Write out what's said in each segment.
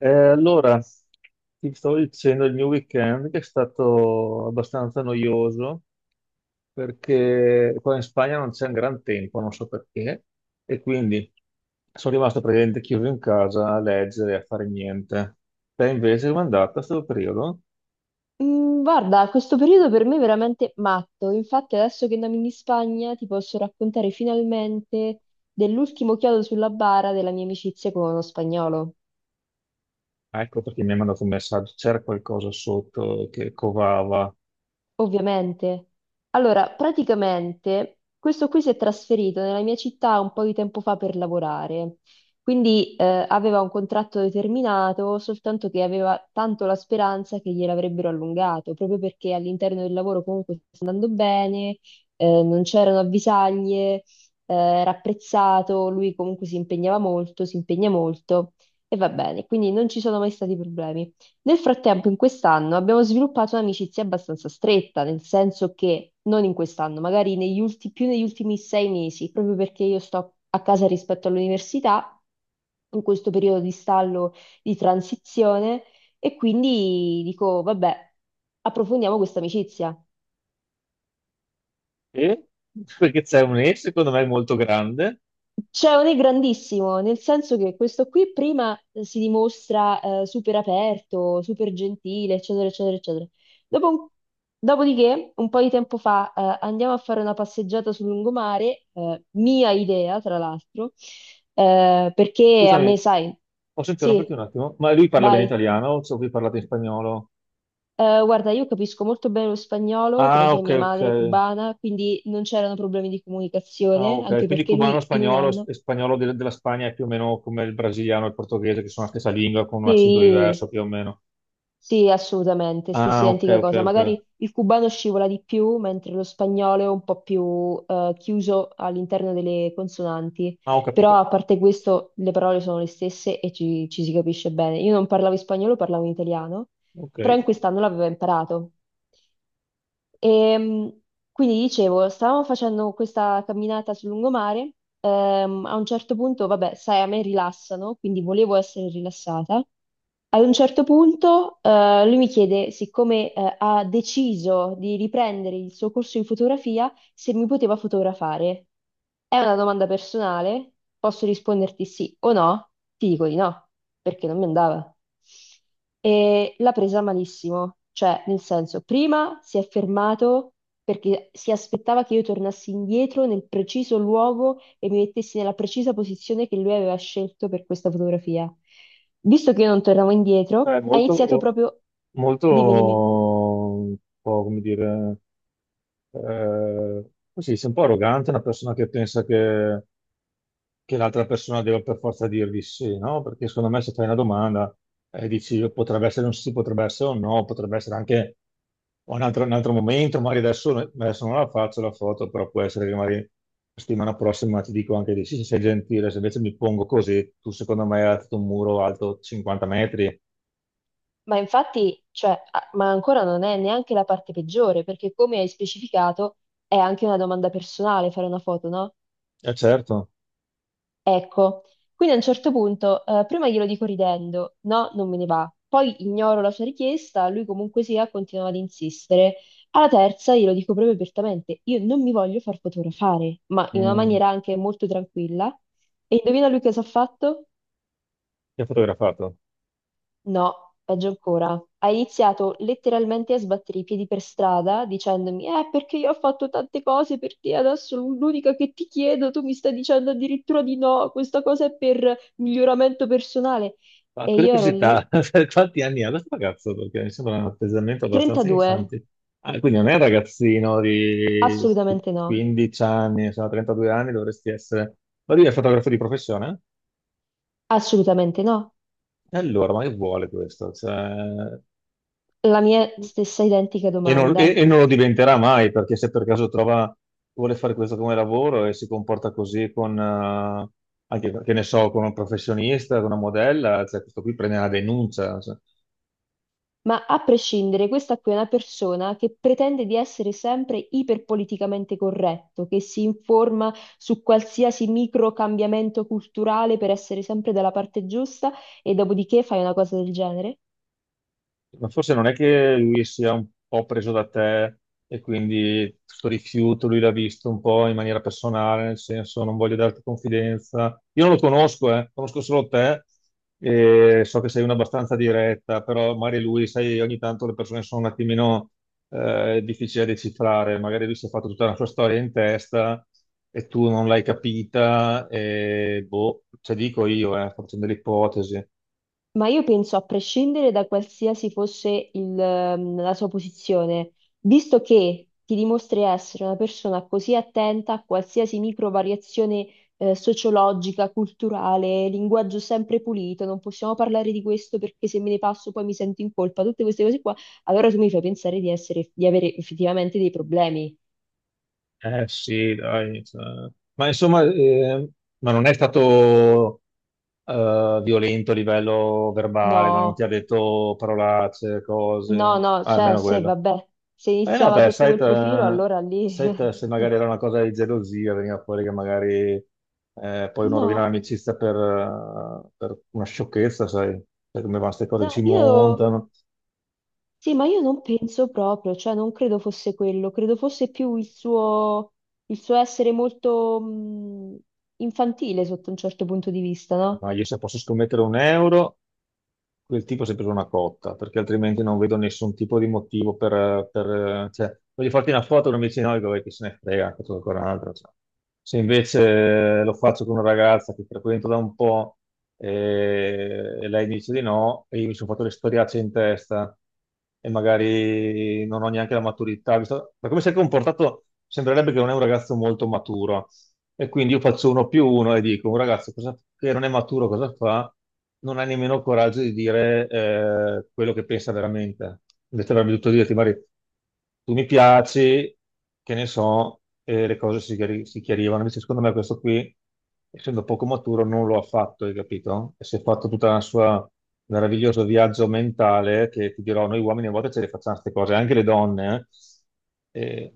Eh, allora, ti stavo dicendo il mio weekend che è stato abbastanza noioso perché qua in Spagna non c'è un gran tempo, non so perché, e quindi sono rimasto praticamente chiuso in casa a leggere, a fare niente. Te invece come è andata questo periodo? Guarda, questo periodo per me è veramente matto. Infatti, adesso che andiamo in Spagna, ti posso raccontare finalmente dell'ultimo chiodo sulla bara della mia amicizia con uno spagnolo. Ah, ecco perché mi hai mandato un messaggio, c'era qualcosa sotto che covava. Ovviamente. Allora, praticamente questo qui si è trasferito nella mia città un po' di tempo fa per lavorare, quindi aveva un contratto determinato, soltanto che aveva tanto la speranza che gliel'avrebbero allungato, proprio perché all'interno del lavoro comunque sta andando bene, non c'erano avvisaglie, era apprezzato, lui comunque si impegnava molto, si impegna molto e va bene, quindi non ci sono mai stati problemi. Nel frattempo, in quest'anno abbiamo sviluppato un'amicizia abbastanza stretta, nel senso che non in quest'anno, magari più negli ultimi 6 mesi, proprio perché io sto a casa rispetto all'università, in questo periodo di stallo, di transizione, e quindi dico, vabbè, approfondiamo questa amicizia. E? Perché c'è un E secondo me molto grande. C'è un è grandissimo, nel senso che questo qui prima si dimostra super aperto, super gentile, eccetera, eccetera, eccetera. Dopo un- dopodiché, un po' di tempo fa, andiamo a fare una passeggiata sul lungomare, mia idea, tra l'altro, perché a me, Scusami, sai, posso interromperti sì, un attimo? Ma lui parla bene vai. italiano o so che parlate in spagnolo? Guarda, io capisco molto bene lo spagnolo, come Ah, sai, ok, mia ok. madre è cubana, quindi non c'erano problemi di Ah, comunicazione, ok. anche Quindi perché cubano, lui in un spagnolo anno e spagnolo della Spagna è più o meno come il brasiliano e il portoghese, che sono la stessa lingua con un accento sì, diverso più o meno. sì, assolutamente, stessa Ah, ok, identica ok, cosa. ok. Magari il cubano scivola di più, mentre lo spagnolo è un po' più chiuso all'interno delle consonanti. Ah, ho Però capito. a parte questo, le parole sono le stesse e ci si capisce bene. Io non parlavo in spagnolo, parlavo in italiano, Ok. però in quest'anno l'avevo imparato. E, quindi dicevo, stavamo facendo questa camminata sul lungomare, a un certo punto, vabbè, sai, a me rilassano, quindi volevo essere rilassata. Ad un certo punto, lui mi chiede, siccome, ha deciso di riprendere il suo corso in fotografia, se mi poteva fotografare. È una domanda personale, posso risponderti sì o no? Ti dico di no, perché non mi andava. E l'ha presa malissimo, cioè nel senso, prima si è fermato perché si aspettava che io tornassi indietro nel preciso luogo e mi mettessi nella precisa posizione che lui aveva scelto per questa fotografia. Visto che io non tornavo indietro, È ha iniziato molto, proprio... molto, Dimmi, dimmi. un po' come dire, così, sei un po' arrogante, una persona che pensa che l'altra persona deve per forza dirvi sì, no? Perché secondo me se fai una domanda e dici potrebbe essere un sì, potrebbe essere un no, potrebbe essere anche un altro momento, magari adesso, no, adesso non la faccio la foto, però può essere che magari la settimana prossima ti dico anche di sì, se sei gentile, se invece mi pongo così, tu secondo me hai alzato un muro alto 50 metri. Ma infatti, cioè, ma ancora non è neanche la parte peggiore, perché come hai specificato, è anche una domanda personale fare una foto, no? Eh certo. Ecco, quindi a un certo punto, prima glielo dico ridendo, no, non me ne va. Poi ignoro la sua richiesta, lui comunque sia, continua ad insistere. Alla terza glielo dico proprio apertamente, io non mi voglio far fotografare, ma in una Mm, maniera anche molto tranquilla. E indovina lui cosa ha fatto? ti ha fotografato. No, peggio ancora. Ha iniziato letteralmente a sbattere i piedi per strada dicendomi: perché io ho fatto tante cose per te, adesso l'unica che ti chiedo, tu mi stai dicendo addirittura di no, questa cosa è per miglioramento personale. Ma E io ero lì, curiosità, per quanti anni ha questo ragazzo? Perché mi sembra un atteggiamento abbastanza 32, infantile. Ah, quindi non è un ragazzino di assolutamente no, 15 anni, insomma, 32 anni dovresti essere. Ma lui è fotografo di professione? assolutamente no. E allora, ma che vuole questo? Cioè, La mia stessa identica e non, domanda. e non lo diventerà mai, perché se per caso trova, vuole fare questo come lavoro e si comporta così con, anche, che ne so, con un professionista, con una modella, cioè questo qui prende una denuncia, cioè. Ma a prescindere, questa qui è una persona che pretende di essere sempre iperpoliticamente corretto, che si informa su qualsiasi micro cambiamento culturale per essere sempre dalla parte giusta e dopodiché fai una cosa del genere? Ma forse non è che lui sia un po' preso da te e quindi questo rifiuto lui l'ha visto un po' in maniera personale, nel senso non voglio darti confidenza. Io non lo conosco, conosco solo te e so che sei una abbastanza diretta, però magari lui, sai, ogni tanto le persone sono un attimino difficili da decifrare, magari lui si è fatto tutta la sua storia in testa e tu non l'hai capita e boh, ce dico io, sto facendo delle ipotesi. Ma io penso, a prescindere da qualsiasi fosse il, la sua posizione, visto che ti dimostri essere una persona così attenta a qualsiasi micro variazione sociologica, culturale, linguaggio sempre pulito, non possiamo parlare di questo perché se me ne passo poi mi sento in colpa, tutte queste cose qua, allora tu mi fai pensare di essere, di avere effettivamente dei problemi. Eh sì, dai, cioè. Ma insomma, ma non è stato violento a livello verbale, no? Non ti ha No, detto parolacce, no, cose, no, ah, cioè almeno se quello. vabbè, se Eh no, iniziava beh, sotto sai, quel profilo, allora lì... sai te se magari era una cosa di gelosia, veniva fuori che magari poi uno rovina No, l'amicizia per una sciocchezza, sai, sai come vanno queste cose, che no, si io... montano. Sì, ma io non penso proprio, cioè non credo fosse quello, credo fosse più il suo essere molto infantile sotto un certo punto di vista, no? Ma io se posso scommettere un euro... quel tipo è sempre una cotta, perché altrimenti non vedo nessun tipo di motivo per... cioè, voglio farti una foto, non mi dici no, vabbè, chi se ne frega, faccio ancora un'altra, cioè. Se invece lo faccio con una ragazza che frequento da un po' e lei dice di no, e io mi sono fatto le storiacce in testa e magari non ho neanche la maturità, visto... ma come si è comportato, sembrerebbe che non è un ragazzo molto maturo e quindi io faccio uno più uno e dico, un ragazzo che non è maturo cosa fa? Non ha nemmeno il coraggio di dire quello che pensa veramente. Invece avrebbe dovuto dirti, Mari, tu mi piaci, che ne so, e le cose si, si chiarivano. Invece secondo me questo qui, essendo poco maturo, non lo ha fatto, hai capito? E si è fatto tutta la sua meraviglioso viaggio mentale che ti dirò, noi uomini a volte ce le facciamo queste cose, anche le donne. Eh.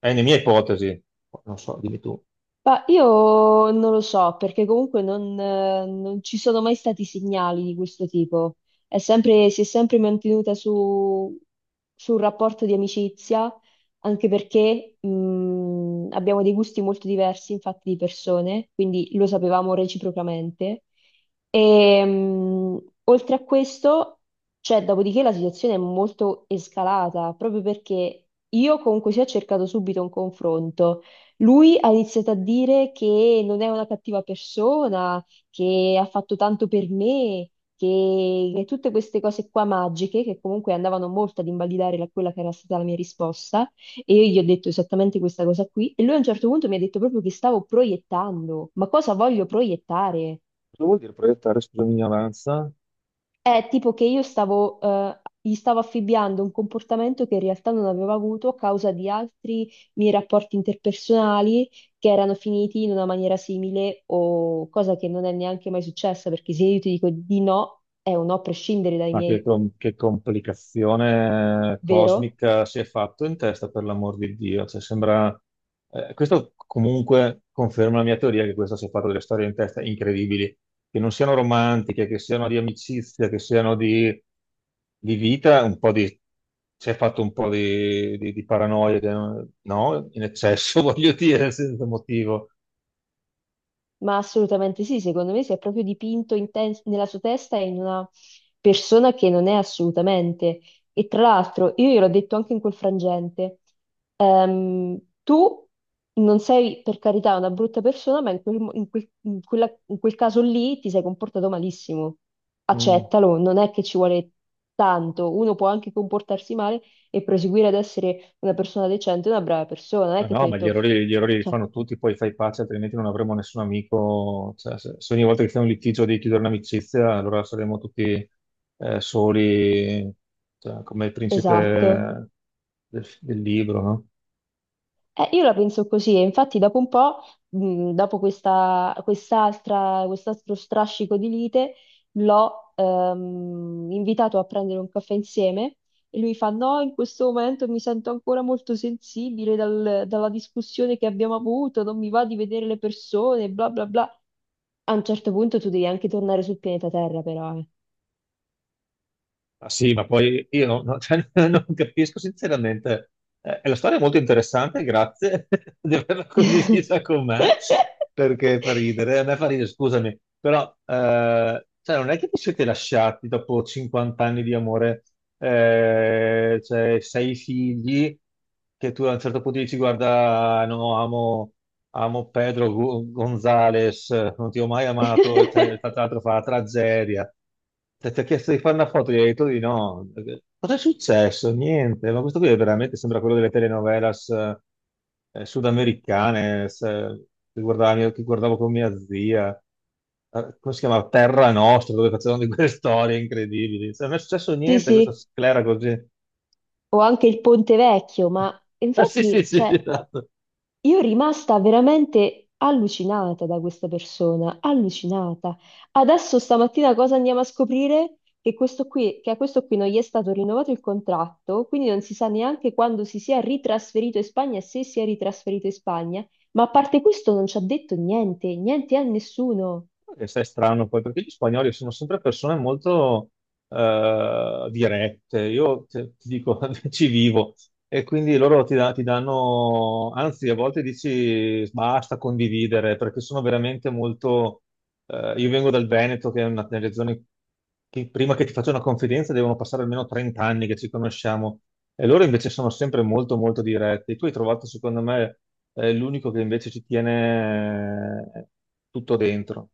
È nella mia ipotesi, non so, dimmi tu. Ma io non lo so, perché comunque non, non ci sono mai stati segnali di questo tipo. Si è sempre mantenuta su, su un rapporto di amicizia, anche perché abbiamo dei gusti molto diversi, infatti, di persone, quindi lo sapevamo reciprocamente. E, oltre a questo, cioè, dopodiché la situazione è molto escalata, proprio perché io comunque sia ho cercato subito un confronto. Lui ha iniziato a dire che non è una cattiva persona, che ha fatto tanto per me, che tutte queste cose qua magiche, che comunque andavano molto ad invalidare quella che era stata la mia risposta, e io gli ho detto esattamente questa cosa qui, e lui a un certo punto mi ha detto proprio che stavo proiettando, ma cosa voglio proiettare? Cosa vuol dire proiettare, scusami, ignoranza? È tipo che io stavo, gli stavo affibbiando un comportamento che in realtà non avevo avuto a causa di altri miei rapporti interpersonali che erano finiti in una maniera simile o cosa che non è neanche mai successa, perché se io ti dico di no, è un no a prescindere dai Ma che, miei, che complicazione vero? cosmica si è fatto in testa, per l'amor di Dio. Cioè, sembra... questo comunque conferma la mia teoria che questo si è fatto delle storie in testa incredibili, che non siano romantiche, che siano di amicizia, che siano di vita, un po' di... si è fatto un po' di paranoia, no? In eccesso, voglio dire, senza motivo. Ma assolutamente sì, secondo me si è proprio dipinto in nella sua testa in una persona che non è assolutamente. E tra l'altro, io gliel'ho detto anche in quel frangente. Ehm, tu non sei per carità una brutta persona, ma in quel, in quel caso lì ti sei comportato malissimo. Mm. Accettalo, non è che ci vuole tanto. Uno può anche comportarsi male e proseguire ad essere una persona decente, una brava persona. Non è Ma che ti ho no, ma detto, gli errori li cioè, fanno tutti, poi fai pace, altrimenti non avremo nessun amico. Cioè, se ogni volta che c'è un litigio devi chiudere un'amicizia, allora saremo tutti soli, cioè, come il esatto. principe del libro, no? Io la penso così, e infatti dopo un po', dopo quest'altro strascico di lite, l'ho invitato a prendere un caffè insieme e lui fa: No, in questo momento mi sento ancora molto sensibile dalla discussione che abbiamo avuto, non mi va di vedere le persone, bla bla bla. A un certo punto tu devi anche tornare sul pianeta Terra, però, eh. Ma sì, ma poi io cioè, non capisco sinceramente. La storia è molto interessante, grazie di averla condivisa con me, perché fa ridere, a me fa ridere, scusami, però cioè, non è che vi siete lasciati dopo 50 anni di amore, cioè sei figli, che tu a un certo punto dici guarda, no, amo, amo Pedro Gonzalez, non ti ho mai amato, e tra l'altro fa la tragedia. Ti ha chiesto di fare una foto, gli hai detto di no. Cosa è successo? Niente, ma questo qui è veramente sembra quello delle telenovelas sudamericane, che guardavo con mia zia. Come si chiama? Terra Nostra, dove facevano di quelle storie incredibili. Cioè, non è successo Sì, niente, questa sì, sclera così. o anche il Ponte Vecchio, ma Ah, sì, sì, infatti, sì, sì, cioè, esatto. io rimasta veramente allucinata da questa persona, allucinata. Adesso stamattina cosa andiamo a scoprire? Che questo qui, che a questo qui non gli è stato rinnovato il contratto, quindi non si sa neanche quando si sia ritrasferito in Spagna, e se si è ritrasferito in Spagna, ma a parte questo non ci ha detto niente, niente a nessuno. E sai, è strano poi, perché gli spagnoli sono sempre persone molto dirette. Io ti dico, ci vivo. E quindi loro ti danno, anzi, a volte dici basta condividere, perché sono veramente molto. Eh, io vengo dal Veneto, che è una delle zone che prima che ti faccia una confidenza devono passare almeno 30 anni che ci conosciamo. E loro invece sono sempre molto, molto diretti. Tu hai trovato, secondo me, l'unico che invece ci tiene tutto dentro.